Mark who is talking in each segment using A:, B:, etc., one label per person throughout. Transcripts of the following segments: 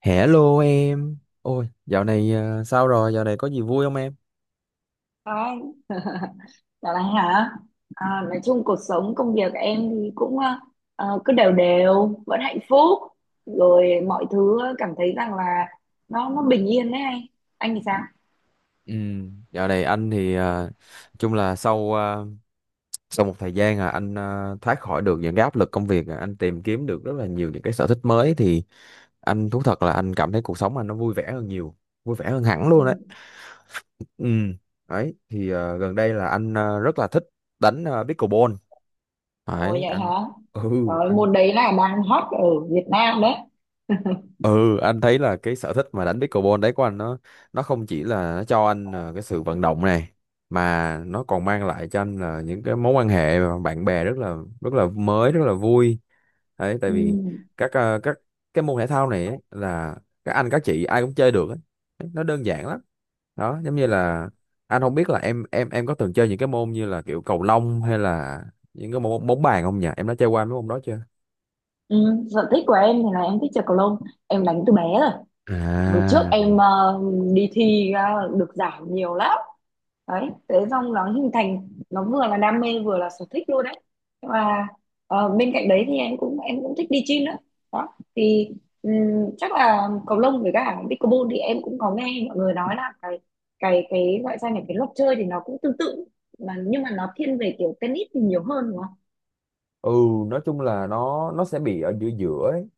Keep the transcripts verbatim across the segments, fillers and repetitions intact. A: Hello em. Ôi, dạo này ờ, sao rồi? Dạo này có gì vui không em?
B: Ai, dạo này hả? À, nói chung cuộc sống công việc em thì cũng ờ, ờ, cứ đều đều vẫn hạnh phúc rồi mọi thứ, ờ, cảm thấy rằng là nó nó bình yên đấy anh anh thì sao?
A: Ừ, dạo này anh thì ờ, chung là sau ờ, sau một thời gian à anh ờ, thoát khỏi được những cái áp lực công việc, à, anh tìm kiếm được rất là nhiều những cái sở thích mới, thì anh thú thật là anh cảm thấy cuộc sống anh nó vui vẻ hơn nhiều, vui vẻ hơn hẳn
B: Ừ.
A: luôn đấy. Ừ, đấy thì ờ, gần đây là anh ờ, rất là thích đánh ờ, pickleball.
B: Ồ
A: Đấy,
B: vậy hả?
A: anh ừ.
B: Rồi môn đấy là đang hot ở Việt Nam đấy.
A: Ừ, anh thấy là cái sở thích mà đánh pickleball đấy của anh nó nó không chỉ là nó cho anh ờ, cái sự vận động này, mà nó còn mang lại cho anh là những cái mối quan hệ và bạn bè rất là rất là mới, rất là vui đấy, tại
B: Ừ.
A: vì các ờ, các cái môn thể thao này ấy, là các anh các chị ai cũng chơi được ấy. Nó đơn giản lắm, đó giống như là anh không biết là em em em có từng chơi những cái môn như là kiểu cầu lông hay là những cái môn bóng bàn không nhỉ, em đã chơi qua mấy môn đó chưa?
B: Ừ. Sở thích của em thì là em thích chơi cầu lông, em đánh từ bé rồi. Hồi trước
A: À.
B: em ờ, đi thi ờ, được giải nhiều lắm đấy, thế xong nó hình thành nó vừa là đam mê vừa là sở thích luôn đấy. Nhưng mà ờ, bên cạnh đấy thì em cũng em cũng thích đi gym nữa đó. Thì ừm, chắc là cầu lông với cả pickleball thì em cũng có nghe mọi người nói là cái cái cái gọi ra là cái luật chơi thì nó cũng tương tự, mà nhưng mà nó thiên về kiểu tennis thì nhiều hơn đúng không?
A: Ừ, nói chung là nó nó sẽ bị ở giữa giữa ấy.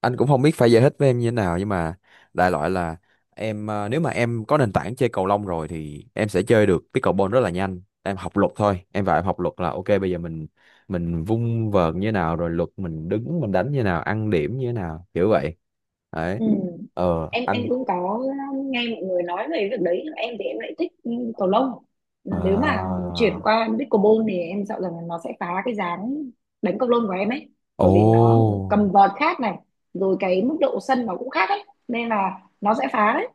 A: Anh cũng không biết phải giải thích với em như thế nào, nhưng mà đại loại là em à, nếu mà em có nền tảng chơi cầu lông rồi thì em sẽ chơi được pickleball rất là nhanh, em học luật thôi em, và em học luật là ok, bây giờ mình mình vung vợt như thế nào, rồi luật mình đứng mình đánh như thế nào, ăn điểm như thế nào, kiểu vậy. Đấy.
B: Ừ.
A: Ờ
B: em em
A: anh
B: cũng có, um, nghe mọi người nói về việc đấy, nhưng em thì em lại thích, ừ, cầu lông. Nếu mà
A: à.
B: chuyển qua pickleball thì em sợ rằng nó sẽ phá cái dáng đánh cầu lông của em ấy,
A: Ồ.
B: bởi vì nó, cầm vợt khác này, rồi cái mức độ sân nó cũng khác ấy nên là nó sẽ phá đấy.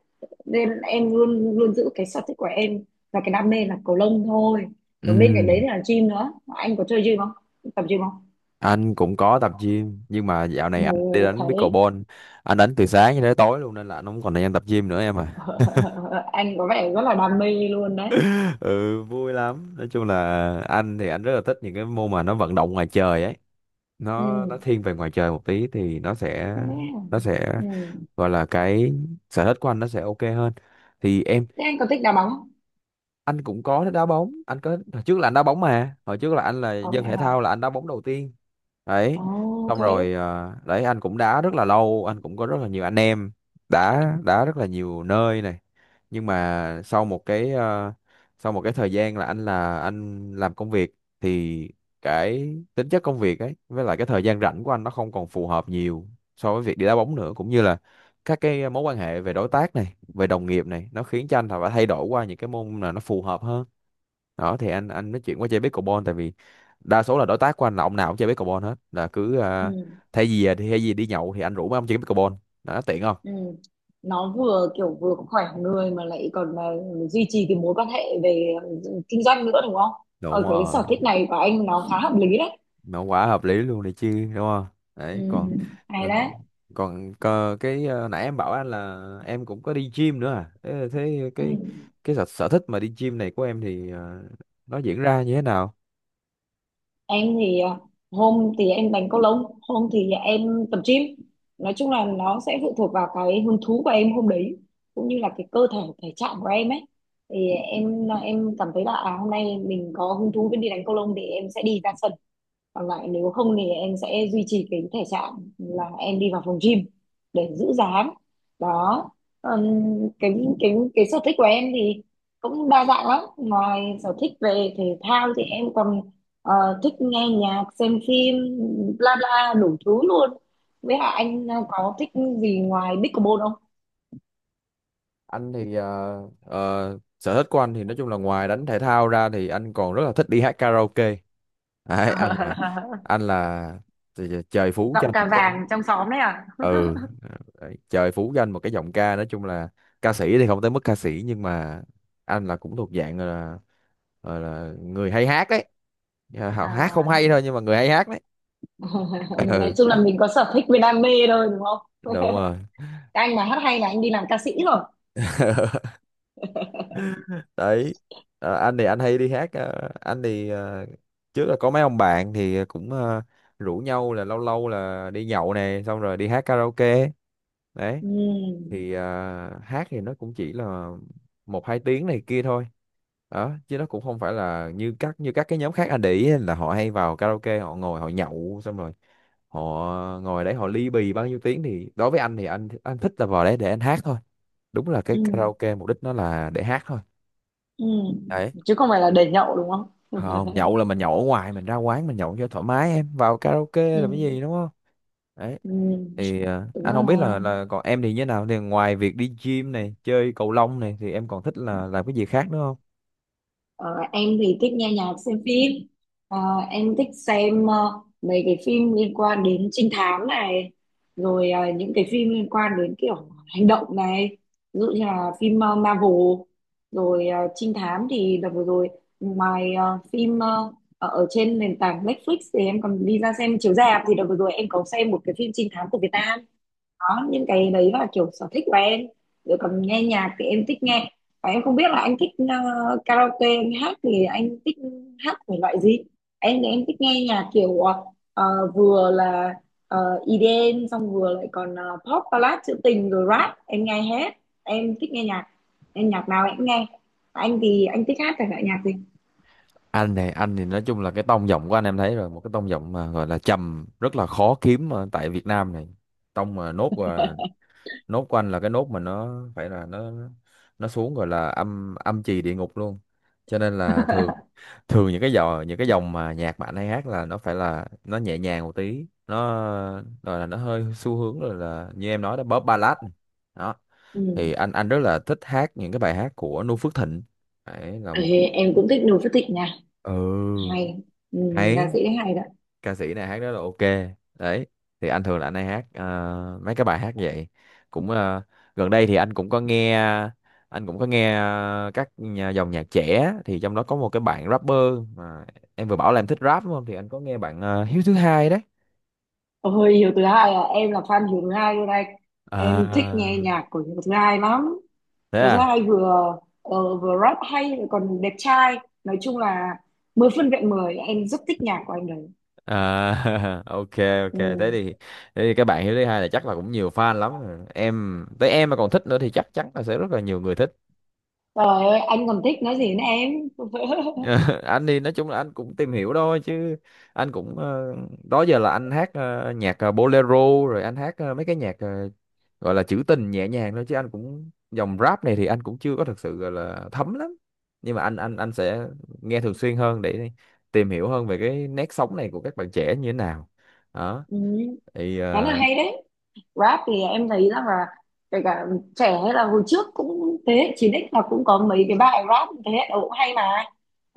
B: Nên em luôn luôn giữ cái sở thích của em và cái đam mê là cầu lông thôi.
A: Ừ,
B: Và bên cạnh đấy thì là gym nữa, anh có chơi gym không, tập gym không?
A: anh cũng có tập gym nhưng mà dạo này anh đi đánh
B: Ok.
A: pickleball, anh đánh từ sáng cho đến tối luôn nên là anh không còn thời gian tập gym nữa em à.
B: Anh có vẻ rất là đam mê luôn đấy.
A: Ừ, vui lắm, nói chung là anh thì anh rất là thích những cái môn mà nó vận động ngoài trời ấy, nó nó
B: Ừ.
A: thiên về ngoài trời một tí thì nó sẽ
B: À,
A: nó sẽ
B: ừ.
A: gọi là cái sở thích của anh nó sẽ ok hơn. Thì em.
B: Thế anh có thích đá bóng không?
A: Anh cũng có đá bóng, anh có hồi trước là anh đá bóng, mà hồi trước là anh là
B: Có vậy
A: dân thể
B: hả?
A: thao, là anh đá bóng đầu tiên đấy.
B: Oh,
A: Xong
B: ok.
A: rồi, ờ, đấy anh cũng đá rất là lâu, anh cũng có rất là nhiều anh em, đá đá rất là nhiều nơi này, nhưng mà sau một cái ờ, sau một cái thời gian là anh là anh làm công việc, thì cái tính chất công việc ấy với lại cái thời gian rảnh của anh nó không còn phù hợp nhiều so với việc đi đá bóng nữa, cũng như là các cái mối quan hệ về đối tác này, về đồng nghiệp này, nó khiến cho anh phải thay đổi qua những cái môn là nó phù hợp hơn. Đó thì anh anh nói chuyện qua chơi pickleball, tại vì đa số là đối tác của anh là ông nào cũng chơi pickleball hết, là cứ
B: Ừ,
A: ờ, thay vì thay vì đi nhậu thì anh rủ mấy ông chơi pickleball. Đó tiện không?
B: ừ. Nó vừa kiểu vừa khỏe người mà lại còn, ờ, duy trì cái mối quan hệ về, ờ, kinh doanh nữa đúng không?
A: Đúng
B: Ở cái
A: rồi,
B: sở thích này của anh nó khá hợp lý đấy.
A: mà quả hợp lý luôn này chứ đúng không?
B: Ừ,
A: Đấy, còn.
B: hay
A: Ừ,
B: đấy.
A: còn có cái, ờ, nãy em bảo anh là em cũng có đi gym nữa à, thế, thế
B: Ừ.
A: cái, cái sở, sở thích mà đi gym này của em thì ờ, nó diễn ra như thế nào?
B: Em thì à, hôm thì em đánh cầu lông, hôm thì em tập gym. Nói chung là nó sẽ phụ thuộc vào cái hứng thú của em hôm đấy, cũng như là cái cơ thể thể trạng của em ấy. Thì em em cảm thấy là à, hôm nay mình có hứng thú với đi đánh cầu lông thì em sẽ đi ra sân, còn lại nếu không thì em sẽ duy trì cái thể trạng là em đi vào phòng gym để giữ dáng đó. Ừm, cái cái cái sở thích của em thì cũng đa dạng lắm. Ngoài sở thích về thể thao thì em còn ờ, thích nghe nhạc, xem phim, bla bla đủ thứ luôn. Với hả anh, ờ, có thích gì ngoài pickleball không?
A: Anh thì ờ, ờ, sở thích của anh thì nói chung là ngoài đánh thể thao ra thì anh còn rất là thích đi hát karaoke. Đấy, anh là anh là trời trời phú cho
B: Giọng
A: anh
B: cà
A: một cái.
B: vàng trong xóm đấy à?
A: Ừ, đấy, trời phú cho anh một cái giọng ca, nói chung là ca sĩ thì không tới mức ca sĩ, nhưng mà anh là cũng thuộc dạng là là, là người hay hát đấy. Dạ, họ hát không hay
B: À.
A: thôi nhưng mà người hay hát đấy.
B: Nói
A: Ừ.
B: chung là mình có sở thích với đam mê thôi đúng không?
A: Đúng rồi
B: Các anh mà hát hay là anh đi làm ca sĩ rồi.
A: đấy. Ờ, anh thì anh hay đi hát, ờ, anh thì ờ, trước là có mấy ông bạn thì cũng ờ, rủ nhau là lâu lâu là đi nhậu này xong rồi đi hát karaoke đấy.
B: Ừ.
A: Thì à, hát thì nó cũng chỉ là một hai tiếng này kia thôi, đó chứ nó cũng không phải là như các như các cái nhóm khác anh để ý ấy, là họ hay vào karaoke họ ngồi họ nhậu xong rồi họ ngồi đấy họ ly bì bao nhiêu tiếng, thì đối với anh thì anh anh thích là vào đấy để anh hát thôi. Đúng là cái
B: Ừ.
A: karaoke mục đích nó là để hát thôi.
B: Ừ,
A: Đấy.
B: chứ không phải là để nhậu đúng không?
A: Không, nhậu là mình nhậu ở ngoài, mình ra quán mình nhậu cho thoải mái em, vào karaoke là cái
B: Ừ.
A: gì đúng không? Đấy.
B: Ừ.
A: Thì ờ,
B: Đúng
A: anh không biết
B: rồi.
A: là là còn em thì như thế nào, thì ngoài việc đi gym này, chơi cầu lông này thì em còn thích là làm cái gì khác nữa không?
B: ờ, em thì thích nghe nhạc, xem phim. Ờ, em thích xem ờ, mấy cái phim liên quan đến trinh thám này, rồi ờ, những cái phim liên quan đến kiểu hành động này, ví dụ như là phim ờ, Marvel. Rồi ờ, trinh thám thì đợt vừa rồi, ngoài ờ, phim ờ, ở ở trên nền tảng Netflix thì em còn đi ra xem chiếu rạp. Thì đợt vừa rồi em có xem một cái phim trinh thám của Việt Nam đó, những cái đấy là kiểu sở thích của em. Rồi còn nghe nhạc thì em thích nghe, và em không biết là anh thích, ờ, karaoke anh hát thì anh thích hát thể loại gì. Em thì em thích nghe nhạc kiểu ờ, ờ, vừa là ờ, i đi em, xong vừa lại còn ờ, pop ballad trữ tình, rồi rap em nghe hết. Em thích nghe nhạc, em nhạc nào em cũng nghe. Anh thì anh thích hát thể loại nhạc gì?
A: Anh này, anh thì nói chung là cái tông giọng của anh em thấy rồi, một cái tông giọng mà gọi là trầm rất là khó kiếm ở tại Việt Nam này, tông mà nốt, và nốt của anh là cái nốt mà nó phải là nó nó xuống, gọi là âm âm trì địa ngục luôn. Cho nên là thường thường những cái dòng những cái dòng mà nhạc mà anh hay hát là nó phải là nó nhẹ nhàng một tí, nó rồi là nó hơi xu hướng, rồi là như em nói đó, pop ballad này. Đó thì
B: Ừ.
A: anh anh rất là thích hát những cái bài hát của Noo Phước Thịnh. Đấy là
B: Ê,
A: một.
B: em cũng thích Noo Phước Thịnh nha.
A: Ừ,
B: Hay. Ừ, ca
A: hay.
B: sĩ đấy hay đó.
A: Ca sĩ này hát rất là ok đấy. Thì anh thường là anh hay hát ờ, mấy cái bài hát vậy, cũng, ờ, gần đây thì anh cũng có nghe, anh cũng có nghe ờ, các nhà, dòng nhạc trẻ, thì trong đó có một cái bạn rapper, mà em vừa bảo là em thích rap đúng không, thì anh có nghe bạn ờ, Hiếu thứ hai đấy.
B: Ôi, Hiếu Thứ Hai à, em là fan Hiếu Thứ Hai luôn anh. Em thích nghe
A: À,
B: nhạc của Hiếu Thứ Hai lắm.
A: thế
B: Hiếu Thứ
A: à.
B: Hai vừa, ờ, vừa rap hay lại còn đẹp trai. Nói chung là mười phân vẹn mười, em rất thích nhạc của anh đấy.
A: À, ok, ok,
B: Ừ.
A: thế thì thế thì các bạn Hiếu thứ hai là chắc là cũng nhiều fan lắm rồi. Em tới em mà còn thích nữa thì chắc chắn là sẽ rất là nhiều người thích.
B: Trời ơi, anh còn thích nói gì nữa em.
A: Ờ, anh thì nói chung là anh cũng tìm hiểu thôi, chứ anh cũng, ờ, đó giờ là anh hát ờ, nhạc, ờ, bolero, rồi anh hát ờ, mấy cái nhạc ờ, gọi là trữ tình nhẹ nhàng thôi, chứ anh cũng dòng rap này thì anh cũng chưa có thực sự gọi là thấm lắm, nhưng mà anh anh anh sẽ nghe thường xuyên hơn để tìm hiểu hơn về cái nét sống này của các bạn trẻ như thế nào. Đó
B: Ừ,
A: thì,
B: khá là
A: ờ,
B: hay đấy. Rap thì em thấy rằng là kể cả trẻ hay là hồi trước cũng thế hệ chín ích là cũng có mấy cái bài rap thế hệ đầu cũng hay mà.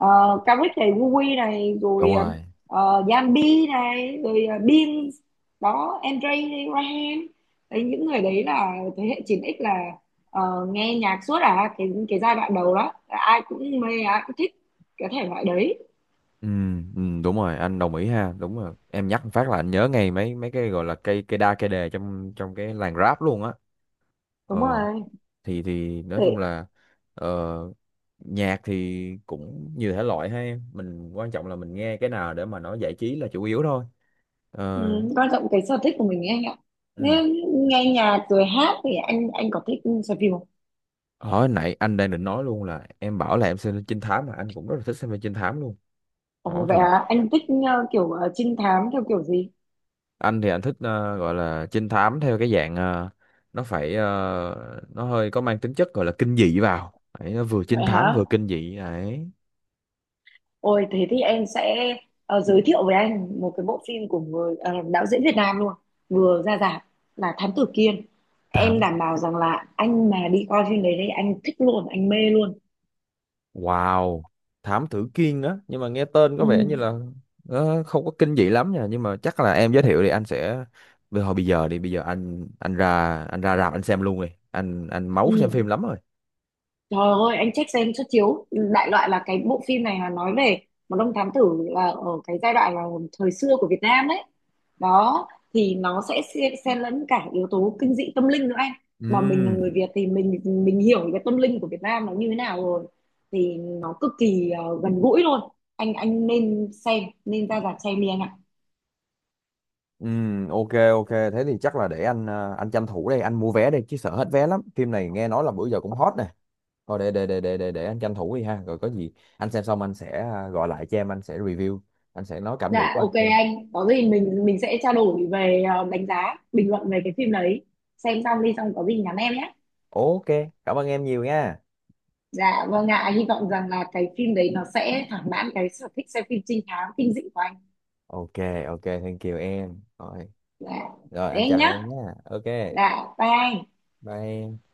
B: Uh, Caric này, Vui này,
A: đúng
B: rồi
A: rồi,
B: ờ, Yambi này, rồi uh, Beans đó, Andre, Ryan. Đấy những người đấy là thế hệ chín ích là ờ, nghe nhạc suốt à. cái cái giai đoạn đầu đó là ai cũng mê ai cũng thích cái thể loại đấy.
A: ừ, ừ, đúng rồi anh đồng ý ha, đúng rồi em nhắc một phát là anh nhớ ngay mấy mấy cái gọi là cây cây đa cây đề trong trong cái làng rap luôn á. ờ
B: Đúng rồi.
A: thì thì nói chung
B: Thế.
A: là ờ, nhạc thì cũng nhiều thể loại hay, mình quan trọng là mình nghe cái nào để mà nó giải trí là chủ yếu thôi.
B: Ừ,
A: ờ
B: quan trọng cái sở thích của mình ấy anh ạ.
A: ừ.
B: Nếu nghe nhạc rồi hát thì anh anh có thích xem phim không?
A: Hồi nãy anh đang định nói luôn là em bảo là em xem trinh thám, mà anh cũng rất là thích xem phim trinh thám luôn.
B: Ồ
A: Đó
B: vậy
A: thì
B: à, anh thích ờ, kiểu ờ, trinh thám theo kiểu gì?
A: anh thì anh thích, ờ, gọi là trinh thám theo cái dạng, ờ, nó phải, ờ, nó hơi có mang tính chất gọi là kinh dị vào. Đấy, nó vừa trinh
B: Vậy
A: thám
B: hả?
A: vừa kinh dị đấy.
B: Ôi thế thì em sẽ ờ, giới thiệu với anh một cái bộ phim của người ờ, đạo diễn Việt Nam luôn, vừa ra rạp, là Thám Tử Kiên.
A: Thám
B: Em đảm bảo rằng là anh mà đi coi phim đấy thì anh thích luôn, anh mê luôn.
A: Wow, thám tử Kiên á, nhưng mà nghe tên
B: Ừ,
A: có vẻ như là ờ, không có kinh dị lắm nha, nhưng mà chắc là em giới thiệu thì anh sẽ. Bây hồi bây giờ đi, bây giờ anh anh ra anh ra rạp anh xem luôn rồi. Anh anh máu xem phim
B: ừ.
A: lắm rồi.
B: Trời ơi, anh check xem xuất chiếu. Đại loại là cái bộ phim này là nói về một ông thám tử là ở cái giai đoạn là thời xưa của Việt Nam ấy. Đó, thì nó sẽ xen xen lẫn cả yếu tố kinh dị tâm linh nữa anh. Mà mình là người
A: Ừ,
B: Việt thì mình mình hiểu cái tâm linh của Việt Nam nó như thế nào rồi. Thì nó cực kỳ ờ, gần gũi luôn. Anh anh nên xem, nên ra rạp xem đi anh ạ.
A: ừ, ok, ok, thế thì chắc là để anh, ờ, anh tranh thủ đây anh mua vé đây, chứ sợ hết vé lắm, phim này nghe nói là bữa giờ cũng hot nè. Thôi để để để để để, để anh tranh thủ đi ha, rồi có gì anh xem xong anh sẽ ờ, gọi lại cho em, anh sẽ review, anh sẽ nói cảm nghĩ
B: Dạ,
A: của anh
B: ok
A: cho em.
B: anh. Có gì mình mình sẽ trao đổi về ờ, đánh giá, bình luận về cái phim đấy. Xem xong đi xong có gì nhắn em nhé.
A: Ok, cảm ơn em nhiều nha.
B: Dạ vâng ạ, hy vọng rằng là cái phim đấy nó sẽ thỏa mãn cái sở thích xem phim trinh thám kinh dị của anh.
A: Ok, ok, thank you em. Rồi,
B: Dạ,
A: rồi anh
B: thế
A: chào
B: nhá.
A: em nhé. Ok,
B: Dạ, bye anh.
A: bye em.